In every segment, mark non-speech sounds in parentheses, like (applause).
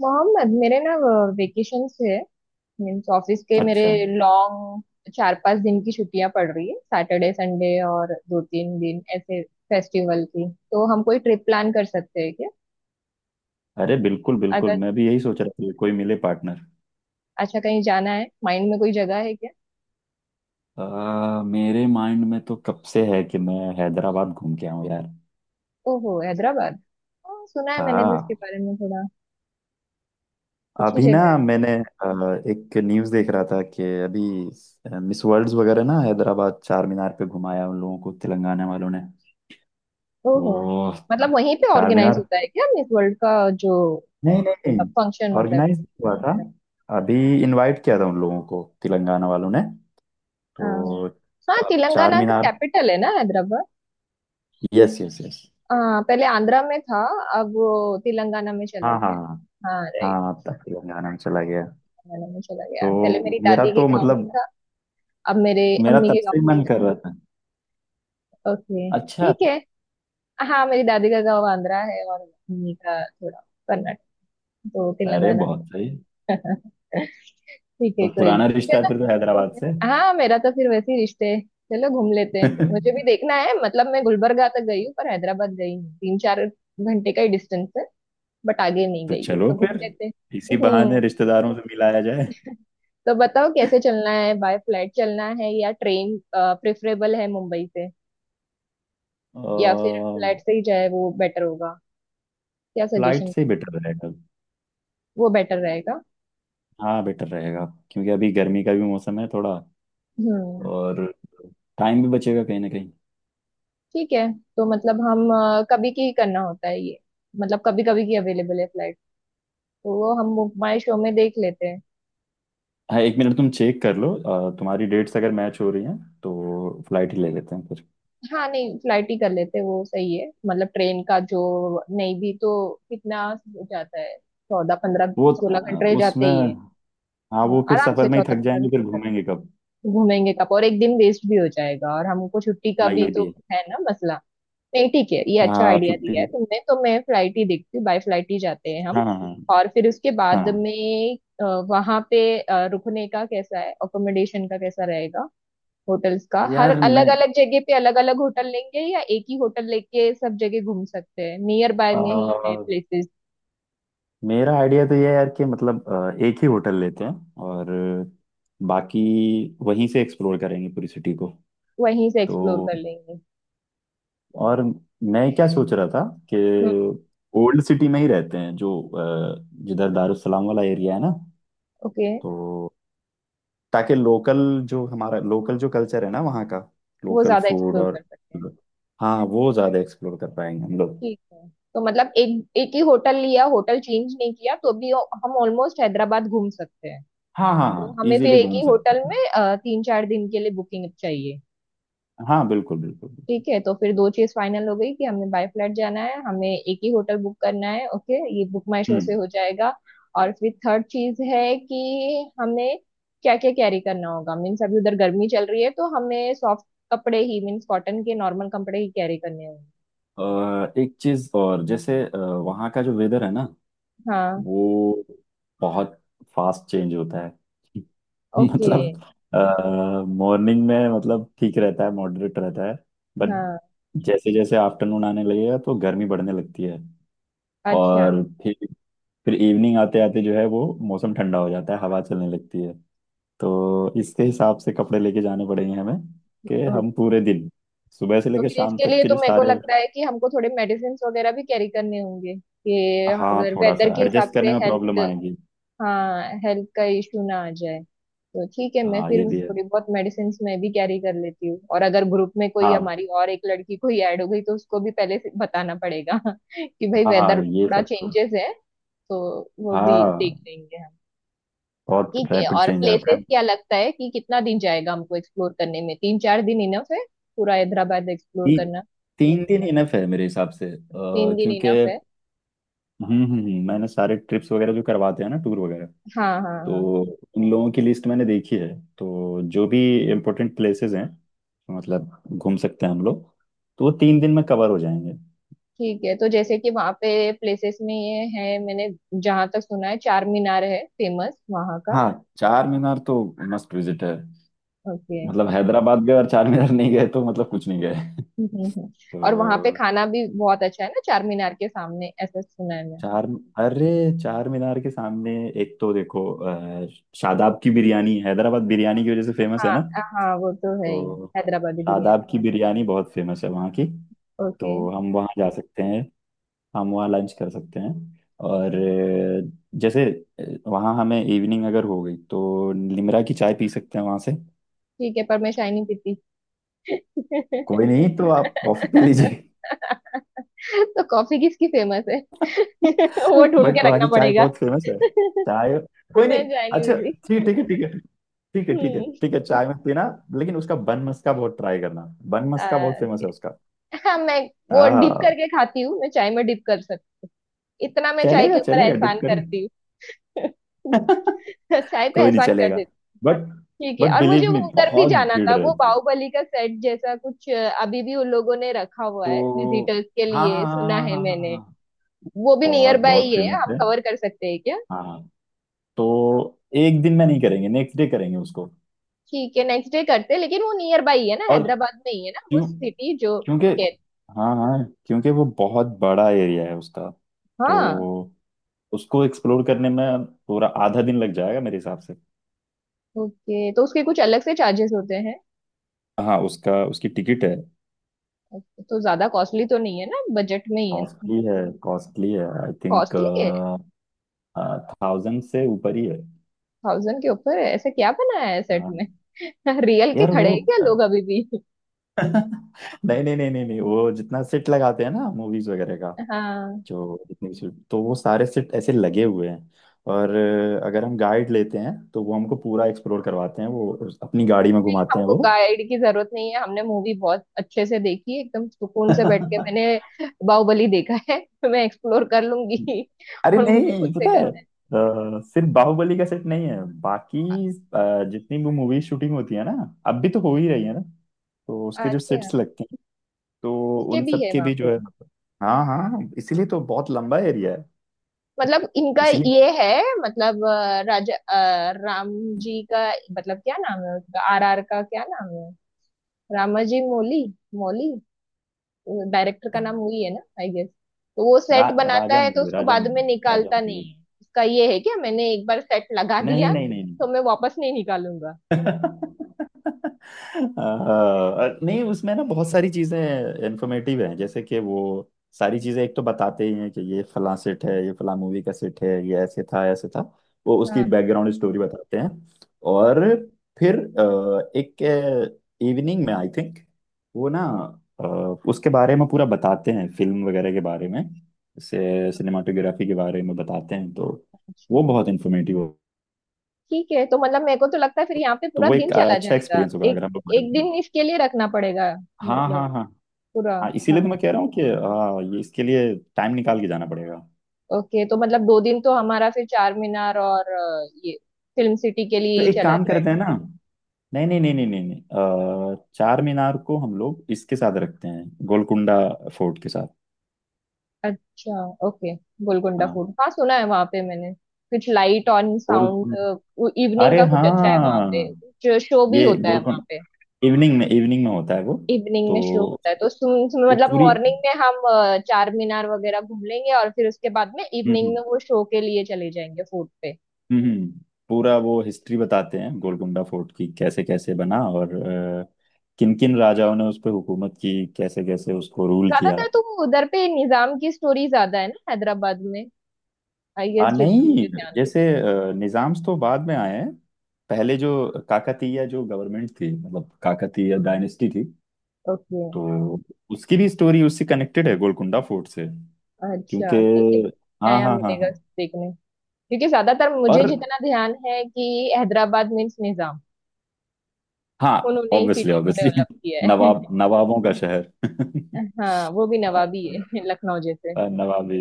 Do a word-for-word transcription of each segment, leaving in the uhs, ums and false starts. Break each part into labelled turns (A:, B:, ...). A: मोहम्मद, मेरे ना वेकेशन है। मीन्स ऑफिस के मेरे
B: अच्छा।
A: लॉन्ग चार पांच दिन की छुट्टियां पड़ रही है, सैटरडे संडे और दो तीन दिन ऐसे फेस्टिवल की। तो हम कोई ट्रिप प्लान कर सकते हैं क्या।
B: अरे बिल्कुल बिल्कुल,
A: अगर
B: मैं
A: तुम
B: भी यही सोच रहा था कि कोई मिले पार्टनर।
A: अच्छा, कहीं जाना है माइंड में, कोई जगह है क्या।
B: आ, मेरे माइंड में तो कब से है कि मैं हैदराबाद घूम के आऊं यार।
A: ओहो, हैदराबाद। हाँ, सुना है मैंने भी उसके
B: हाँ।
A: बारे में थोड़ा। अच्छी
B: अभी ना
A: जगह है।
B: मैंने आ, एक न्यूज़ देख रहा था कि अभी मिस वर्ल्ड्स वगैरह ना, हैदराबाद चार मीनार पे घुमाया उन लोगों को तेलंगाना वालों ने।
A: ओहो।
B: तो
A: मतलब वहीं पे
B: चार
A: ऑर्गेनाइज
B: मीनार।
A: होता है क्या मिस वर्ल्ड का, जो
B: नहीं, नहीं, नहीं,
A: फंक्शन होता है कुछ।
B: ऑर्गेनाइज हुआ था अभी। इनवाइट किया था उन लोगों को तेलंगाना वालों ने,
A: हाँ।
B: तो
A: हाँ,
B: चार चार
A: तेलंगाना का
B: मीनार।
A: कैपिटल है ना हैदराबाद।
B: Yes, yes, yes.
A: हाँ, पहले आंध्रा में था, अब वो तेलंगाना में चला
B: हाँ, हाँ, हाँ।
A: गया। हाँ, राइट,
B: हाँ, तब तेलंगाना में चला गया।
A: तेलंगाना में चला गया। पहले
B: तो
A: मेरी
B: मेरा
A: दादी के
B: तो
A: गांव में
B: मतलब,
A: था, अब मेरे
B: मेरा
A: अम्मी
B: तब
A: के
B: से
A: गांव
B: ही
A: में
B: मन
A: चला।
B: कर रहा था।
A: ओके,
B: अच्छा।
A: ठीक है। हाँ, मेरी दादी का गांव आंध्रा है और अम्मी का थोड़ा कर्नाटक, तो
B: अरे
A: तेलंगाना।
B: बहुत सही।
A: (laughs) ठीक है,
B: तो
A: कोई नहीं।
B: पुराना रिश्ता है फिर तो
A: चलो
B: हैदराबाद
A: घूमने।
B: से।
A: हाँ, मेरा तो फिर वैसे ही रिश्ते है। चलो, घूम लेते हैं, मुझे भी
B: (laughs)
A: देखना है। मतलब मैं गुलबर्गा तक गई हूँ पर हैदराबाद गई हूँ, तीन चार घंटे का ही डिस्टेंस है। बट आगे नहीं
B: तो
A: गई हूँ,
B: चलो
A: तो घूम
B: फिर,
A: लेते हैं।
B: इसी
A: हम्म।
B: बहाने रिश्तेदारों से मिलाया जाए।
A: तो बताओ कैसे चलना है, बाय फ्लाइट चलना है या ट्रेन प्रेफरेबल है मुंबई से, या फिर
B: और
A: फ्लाइट से ही जाए वो बेटर होगा। क्या
B: फ्लाइट
A: सजेशन।
B: से बेटर रहेगा।
A: वो बेटर रहेगा।
B: हाँ, बेटर रहेगा। क्योंकि अभी गर्मी का भी मौसम है थोड़ा,
A: हम्म,
B: और टाइम भी बचेगा कहीं ना कहीं।
A: ठीक है। तो मतलब हम अ, कभी की करना होता है ये, मतलब कभी कभी की अवेलेबल है फ्लाइट। तो वो हम माई शो में देख लेते हैं।
B: हाँ, एक मिनट तुम चेक कर लो, अ, तुम्हारी डेट्स अगर मैच हो रही हैं तो फ्लाइट ही ले लेते हैं फिर।
A: हाँ, नहीं, फ्लाइट ही कर लेते हैं वो सही है। मतलब ट्रेन का जो नहीं भी तो कितना हो जाता है, चौदह पंद्रह
B: वो
A: सोलह
B: अ,
A: घंटे जाते
B: उसमें,
A: ही है।
B: हाँ,
A: हाँ,
B: वो फिर
A: आराम से
B: सफर में ही
A: चौदह
B: थक
A: पंद्रह
B: जाएंगे, फिर
A: घंटे
B: घूमेंगे कब?
A: घूमेंगे कब, और एक दिन वेस्ट भी हो जाएगा, और हमको छुट्टी का
B: हाँ,
A: भी
B: ये
A: तो
B: भी है।
A: है ना मसला। नहीं, ठीक है, ये अच्छा
B: हाँ,
A: आइडिया दिया
B: छुट्टी।
A: है तुमने। तो मैं फ्लाइट ही देखती हूँ, बाय फ्लाइट ही जाते हैं हम।
B: हाँ, हाँ, हाँ,
A: और फिर उसके बाद
B: हाँ।
A: में वहां पे अ, रुकने का कैसा है, अकोमोडेशन का कैसा रहेगा। होटल्स का, हर
B: यार
A: अलग
B: मैं
A: अलग जगह पे अलग अलग होटल लेंगे या एक ही होटल लेके सब जगह घूम सकते हैं। नियर बाय
B: अ,
A: में ही है प्लेसेस।
B: मेरा आइडिया तो ये है यार, कि मतलब अ, एक ही होटल लेते हैं और बाकी वहीं से एक्सप्लोर करेंगे पूरी सिटी को।
A: वहीं से एक्सप्लोर
B: तो,
A: कर लेंगे।
B: और मैं क्या सोच रहा था
A: हम्म।
B: कि ओल्ड सिटी में ही रहते हैं, जो अ, जिधर दारुसलाम वाला एरिया है ना।
A: ओके।
B: तो, ताकि लोकल जो हमारा लोकल जो कल्चर है ना वहाँ का,
A: वो
B: लोकल
A: ज्यादा
B: फूड
A: एक्सप्लोर
B: और,
A: कर सकते हैं।
B: हाँ, वो ज्यादा एक्सप्लोर कर पाएंगे हम लोग।
A: ठीक है, तो मतलब एक एक ही होटल लिया, होटल चेंज नहीं किया तो भी हम ऑलमोस्ट हैदराबाद घूम सकते हैं।
B: हाँ, हाँ,
A: तो
B: हाँ,
A: हमें फिर
B: इजीली
A: एक
B: घूम
A: ही
B: सकते
A: होटल
B: हैं।
A: में अ, तीन चार दिन के लिए बुकिंग चाहिए।
B: हाँ, बिल्कुल बिल्कुल बिल्कुल।
A: ठीक है, तो फिर दो चीज फाइनल हो गई कि हमें बाय फ्लाइट जाना है, हमें एक ही होटल बुक करना है। ओके, ये बुक माई शो
B: हम्म।
A: से हो जाएगा। और फिर थर्ड चीज है कि हमें क्या क्या कैरी करना होगा। मीन्स अभी उधर गर्मी चल रही है, तो हमें सॉफ्ट कपड़े ही, मीन्स कॉटन के नॉर्मल कपड़े ही कैरी करने होंगे।
B: अ, एक चीज और, जैसे अ, वहाँ का जो वेदर है ना,
A: हाँ।
B: वो बहुत फास्ट चेंज होता है। (laughs)
A: ओके।
B: मतलब मॉर्निंग में मतलब ठीक रहता है, मॉडरेट रहता है। बट
A: हाँ,
B: जैसे जैसे आफ्टरनून आने लगेगा तो गर्मी बढ़ने लगती है,
A: अच्छा।
B: और फिर फिर इवनिंग आते आते जो है वो मौसम ठंडा हो जाता है, हवा चलने लगती है। तो इसके हिसाब से कपड़े लेके जाने पड़ेंगे हमें, कि
A: अ,
B: हम पूरे दिन सुबह से
A: तो
B: लेकर
A: फिर
B: शाम
A: इसके
B: तक
A: लिए
B: के
A: तो
B: जो
A: मेरे को
B: सारे।
A: लगता है कि हमको थोड़े मेडिसिन वगैरह भी कैरी करने होंगे कि
B: हाँ,
A: अगर
B: थोड़ा
A: वेदर
B: सा
A: के हिसाब
B: एडजस्ट
A: से
B: करने में
A: हेल्थ।
B: प्रॉब्लम आएगी।
A: हाँ, हेल्थ का इश्यू ना आ जाए। तो ठीक है, मैं
B: हाँ,
A: फिर
B: ये भी है।
A: थोड़ी बहुत मेडिसिन मैं भी कैरी कर लेती हूँ, और अगर ग्रुप में कोई,
B: हाँ,
A: हमारी और एक लड़की कोई ऐड हो गई, तो उसको भी पहले से बताना पड़ेगा। (laughs) कि भाई
B: हाँ,
A: वेदर
B: हाँ, ये
A: थोड़ा
B: सब तो।
A: चेंजेस है। तो वो भी
B: हाँ,
A: देख लेंगे हम।
B: बहुत
A: ठीक है।
B: रैपिड
A: और
B: चेंज आता
A: प्लेसेस
B: है।
A: क्या लगता है कि कितना दिन जाएगा हमको एक्सप्लोर करने में, तीन चार दिन इनफ है पूरा हैदराबाद एक्सप्लोर
B: ती,
A: करना।
B: तीन दिन इनफ है मेरे हिसाब से, अ,
A: तीन दिन
B: क्योंकि
A: इनफ है।
B: हम्म हम्म हम्म, मैंने सारे ट्रिप्स वगैरह जो करवाते हैं ना टूर वगैरह,
A: हाँ हाँ
B: तो
A: हाँ।
B: उन लोगों की लिस्ट मैंने देखी है। तो जो भी इम्पोर्टेंट प्लेसेस हैं मतलब घूम सकते हैं हम लोग, तो वो तीन दिन में कवर हो जाएंगे।
A: ठीक है, तो जैसे कि वहाँ पे प्लेसेस में ये है, मैंने जहाँ तक सुना है चार मीनार है फेमस वहाँ का।
B: हाँ, चार मीनार तो मस्ट विजिट है।
A: ओके।
B: मतलब हैदराबाद गए और चार मीनार नहीं गए तो मतलब कुछ नहीं गए।
A: हम्म हम्म, हम्म। और वहाँ पे
B: तो
A: खाना भी बहुत अच्छा है ना चार मीनार के सामने, ऐसा सुना है मैंने।
B: चार, अरे चार मीनार के सामने एक तो देखो, अ, शादाब की बिरयानी हैदराबाद बिरयानी की वजह से फेमस है
A: हाँ।
B: ना।
A: हाँ, वो तो है ही,
B: तो
A: हैदराबादी बिरयानी।
B: शादाब की बिरयानी बहुत फेमस है वहाँ की।
A: ओके।
B: तो हम वहाँ जा सकते हैं, हम वहाँ लंच कर सकते हैं। और अ, जैसे अ, वहाँ हमें इवनिंग अगर हो गई तो निमरा की चाय पी सकते हैं वहाँ से।
A: ठीक है, पर मैं चाय नहीं पीती।
B: कोई नहीं, तो आप
A: (laughs)
B: कॉफ़ी पी लीजिए।
A: तो कॉफी किसकी फेमस है।
B: (laughs)
A: (laughs) वो ढूंढ
B: बट
A: के
B: वहाँ
A: रखना
B: की चाय
A: पड़ेगा।
B: बहुत फेमस है।
A: (laughs) मैं
B: चाय। कोई नहीं।
A: चाय नहीं
B: अच्छा।
A: पीती।
B: ठीक ठीक है, ठीक है। ठीक है, ठीक है, ठीक है,
A: हम्म।
B: चाय में पीना। लेकिन उसका बन मस्का बहुत ट्राई करना, बन
A: (laughs)
B: मस्का
A: आ,
B: बहुत फेमस है उसका।
A: हाँ, मैं वो डिप
B: हाँ,
A: करके खाती हूँ, मैं चाय में डिप कर सकती, इतना मैं चाय
B: चलेगा
A: के ऊपर
B: चलेगा
A: एहसान
B: डिप।
A: करती हूँ।
B: (laughs)
A: (laughs) चाय पे
B: कोई नहीं,
A: एहसान कर
B: चलेगा।
A: देती
B: बट
A: हूँ। ठीक है।
B: बट
A: और मुझे
B: बिलीव मी
A: वो उधर भी
B: बहुत
A: जाना
B: भीड़
A: था, वो
B: रहती है।
A: बाहुबली का सेट जैसा कुछ अ, अभी भी उन लोगों ने रखा हुआ है
B: तो।
A: विजिटर्स के
B: हाँ,
A: लिए,
B: हाँ,
A: सुना
B: हाँ, हाँ,
A: है
B: हाँ, हाँ,
A: मैंने।
B: हाँ,
A: वो भी नियर
B: बहुत
A: बाय
B: बहुत
A: ही है,
B: फेमस
A: हम
B: है।
A: कवर कर सकते हैं क्या।
B: हाँ, हाँ। तो एक दिन में नहीं करेंगे, नेक्स्ट डे करेंगे उसको।
A: ठीक है, नेक्स्ट डे करते हैं, लेकिन वो नियर बाय ही है ना,
B: और
A: हैदराबाद में ही है ना वो
B: क्यों?
A: सिटी जो
B: क्योंकि,
A: कहते।
B: हाँ, हाँ, क्योंकि वो बहुत बड़ा एरिया है उसका।
A: हाँ।
B: तो उसको एक्सप्लोर करने में पूरा आधा दिन लग जाएगा मेरे हिसाब से।
A: ओके, तो उसके कुछ अलग से चार्जेस होते हैं।
B: हाँ, उसका उसकी टिकट है।
A: Okay, तो ज्यादा कॉस्टली तो नहीं है ना, बजट में ही है।
B: कॉस्टली है, कॉस्टली है आई थिंक,
A: कॉस्टली है।
B: थाउजेंड से ऊपर ही है।
A: थाउजेंड के ऊपर है, ऐसा क्या बना है सेट में।
B: हाँ।
A: (laughs) रियल के
B: यार वो,
A: खड़े हैं क्या लोग अभी भी।
B: नहीं, नहीं, नहीं, नहीं, नहीं, वो जितना सेट लगाते हैं ना मूवीज वगैरह का,
A: हाँ।
B: जो जितने भी सेट, तो वो सारे सेट ऐसे लगे हुए हैं। और अ, अगर हम गाइड लेते हैं तो वो हमको पूरा एक्सप्लोर करवाते हैं, वो उस- अपनी गाड़ी में घुमाते हैं
A: हमको
B: वो।
A: गाइड की जरूरत नहीं है, हमने मूवी बहुत अच्छे से देखी है, एकदम सुकून से बैठ के मैंने
B: (laughs)
A: बाहुबली देखा है। (laughs) तो मैं एक्सप्लोर कर लूंगी।
B: अरे
A: और मुझे खुद
B: नहीं,
A: से
B: पता है,
A: करना
B: अ, सिर्फ बाहुबली का सेट नहीं है बाकी अ, जितनी भी मूवी शूटिंग होती है ना, अब भी तो हो ही रही है ना, तो
A: है।
B: उसके जो
A: अच्छा।
B: सेट्स लगते हैं, तो
A: उसके
B: उन
A: भी
B: सब
A: है
B: के
A: वहां
B: भी जो
A: पे।
B: है। हाँ, हाँ, हाँ, इसीलिए तो बहुत लंबा एरिया है।
A: मतलब इनका
B: इसीलिए।
A: ये है, मतलब अ, राजा अ, राम जी का, मतलब क्या नाम है उसका, आर आर का क्या नाम है, रामाजी मोली, मोली डायरेक्टर का नाम वही है ना, आई गेस। तो वो
B: रा,
A: सेट बनाता है तो
B: राजामौली,
A: उसको बाद में
B: राजामौली,
A: निकालता
B: राजामौली।
A: नहीं है, उसका ये है क्या, मैंने एक बार सेट लगा
B: नहीं,
A: दिया
B: नहीं, नहीं, नहीं।
A: तो मैं वापस नहीं निकालूंगा।
B: (laughs) अ, नहीं, उसमें ना बहुत सारी चीजें इन्फॉर्मेटिव हैं, जैसे कि वो सारी चीजें एक तो बताते ही हैं कि ये फलां सेट है, ये फलां मूवी का सेट है, ये ऐसे था, ऐसे था। वो
A: हाँ,
B: उसकी बैकग्राउंड स्टोरी बताते हैं। और फिर अ, एक इवनिंग में आई थिंक वो ना अ, उसके बारे में पूरा बताते हैं, फिल्म वगैरह के बारे में से सिनेमाटोग्राफी के बारे में बताते हैं, तो
A: अच्छा।
B: वो बहुत इन्फॉर्मेटिव हो।
A: ठीक है। तो मतलब मेरे को तो लगता है फिर यहाँ पे
B: तो
A: पूरा
B: वो
A: दिन
B: एक अ,
A: चला
B: अच्छा
A: जाएगा,
B: एक्सपीरियंस होगा
A: एक,
B: अगर हम लोग।
A: एक दिन इसके लिए रखना पड़ेगा,
B: हाँ,
A: मतलब
B: हाँ, हाँ,
A: पूरा।
B: हाँ, इसीलिए तो मैं
A: हमें।
B: कह रहा हूँ कि हाँ, ये इसके लिए टाइम निकाल के जाना पड़ेगा।
A: ओके, तो मतलब दो दिन तो हमारा फिर चार मीनार और अ, ये फिल्म सिटी के लिए
B: तो
A: ही
B: एक
A: चला
B: काम करते
A: जाएगा।
B: हैं ना। नहीं, नहीं, नहीं, नहीं, नहीं, नहीं, अ, चार मीनार को हम लोग इसके साथ रखते हैं गोलकुंडा फोर्ट के साथ।
A: अच्छा, ओके। गोलकुंडा
B: हाँ,
A: फूड, हाँ, सुना है वहां पे मैंने, कुछ light on sound,
B: Golconda.
A: Evening
B: अरे
A: का कुछ अच्छा है वहां पे,
B: हाँ,
A: जो शो भी
B: ये
A: होता है वहां पे।
B: गोलकुंडा इवनिंग में इवनिंग में होता है वो।
A: इवनिंग
B: तो
A: में शो होता है। तो सुन, सुन,
B: वो
A: मतलब
B: पूरी
A: मॉर्निंग में हम अ, चार मीनार वगैरह घूम लेंगे, और फिर उसके बाद में
B: हम्म
A: इवनिंग में
B: हम्म
A: वो शो के लिए चले जाएंगे फूड पे।
B: हम्म, हम्म, पूरा वो हिस्ट्री बताते हैं गोलकुंडा फोर्ट की, कैसे कैसे बना और किन किन राजाओं ने उस पर हुकूमत की, कैसे कैसे उसको रूल किया।
A: ज्यादातर तो उधर पे निजाम की स्टोरी ज्यादा है ना हैदराबाद में, आई
B: आ,
A: गेस, जितना
B: नहीं,
A: मुझे ध्यान
B: जैसे अ, निज़ाम्स तो बाद में आए हैं। पहले जो काकतीय जो गवर्नमेंट थी, मतलब काकतीय डायनेस्टी थी,
A: है। ओके।
B: तो उसकी भी स्टोरी उससे कनेक्टेड है गोलकुंडा फोर्ट से। क्योंकि,
A: अच्छा, ठीक है।
B: हाँ,
A: नया
B: हाँ, हाँ,
A: मिलेगा
B: हाँ,
A: देखने। क्योंकि ज्यादातर मुझे
B: और,
A: जितना ध्यान है कि हैदराबाद मीन्स निजाम,
B: हाँ,
A: उन्होंने इस
B: ऑब्वियसली
A: सिटी को
B: ऑब्वियसली।
A: डेवलप किया
B: (laughs)
A: है।
B: नवाब नवाबों का शहर।
A: (laughs) हाँ,
B: (laughs)
A: वो भी
B: अ,
A: नवाबी है। (laughs) लखनऊ जैसे।
B: अ, नवाबी।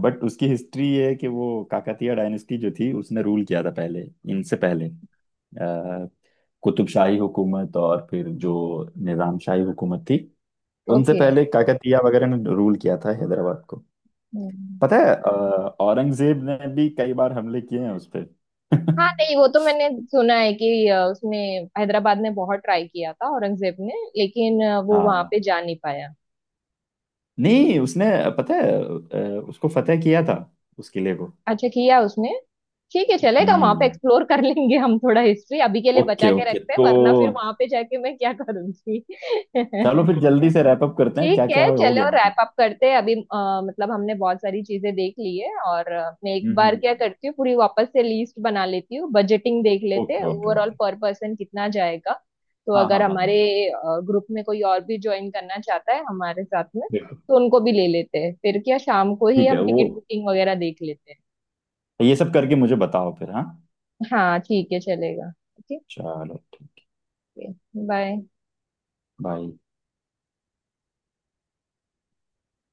B: बट उसकी हिस्ट्री ये है कि वो काकतीय डायनेस्टी जो थी उसने रूल किया था पहले। इनसे पहले अ, कुतुबशाही हुकूमत और फिर जो निजामशाही हुकूमत थी, उनसे
A: ओके।
B: पहले काकतीय वगैरह ने रूल किया था हैदराबाद को।
A: हम्म।
B: पता है, अ, औरंगजेब ने भी कई बार हमले किए हैं उस पे।
A: हाँ,
B: (laughs)
A: नहीं, वो तो मैंने सुना है कि अ, उसने हैदराबाद में बहुत ट्राई किया था औरंगजेब ने, लेकिन अ, वो वहां
B: हाँ
A: पे जा नहीं पाया।
B: नहीं, उसने, पता है, अ, उसको फतेह किया था उस किले को।
A: अच्छा किया उसने। ठीक है, चलेगा, वहां पे
B: हम्म।
A: एक्सप्लोर कर लेंगे हम। थोड़ा हिस्ट्री अभी के लिए बचा
B: ओके,
A: के
B: ओके,
A: रखते हैं,
B: तो
A: वरना फिर वहां पे जाके मैं क्या करूंगी।
B: चलो
A: (laughs)
B: फिर जल्दी से रैप अप करते हैं,
A: ठीक
B: क्या क्या
A: है,
B: हो
A: चलो
B: गया।
A: रैप अप करते हैं अभी। अ, मतलब हमने बहुत सारी चीजें देख ली है, और अ, मैं एक बार
B: हम्म।
A: क्या करती हूँ, पूरी वापस से लिस्ट बना लेती हूँ, बजटिंग देख लेते हैं
B: okay, okay,
A: overall
B: okay.
A: Per person कितना जाएगा। तो
B: हाँ,
A: अगर
B: हाँ, हाँ,
A: हमारे
B: हाँ,
A: ग्रुप में कोई और भी ज्वाइन करना चाहता है हमारे साथ में, तो उनको भी ले लेते हैं फिर, क्या शाम को ही
B: ठीक है
A: हम
B: वो,
A: टिकट बुकिंग वगैरह देख लेते हैं।
B: ये सब करके मुझे बताओ फिर, हाँ।
A: हाँ, ठीक है, चलेगा। ओके।
B: चलो ठीक है,
A: बाय।
B: बाय।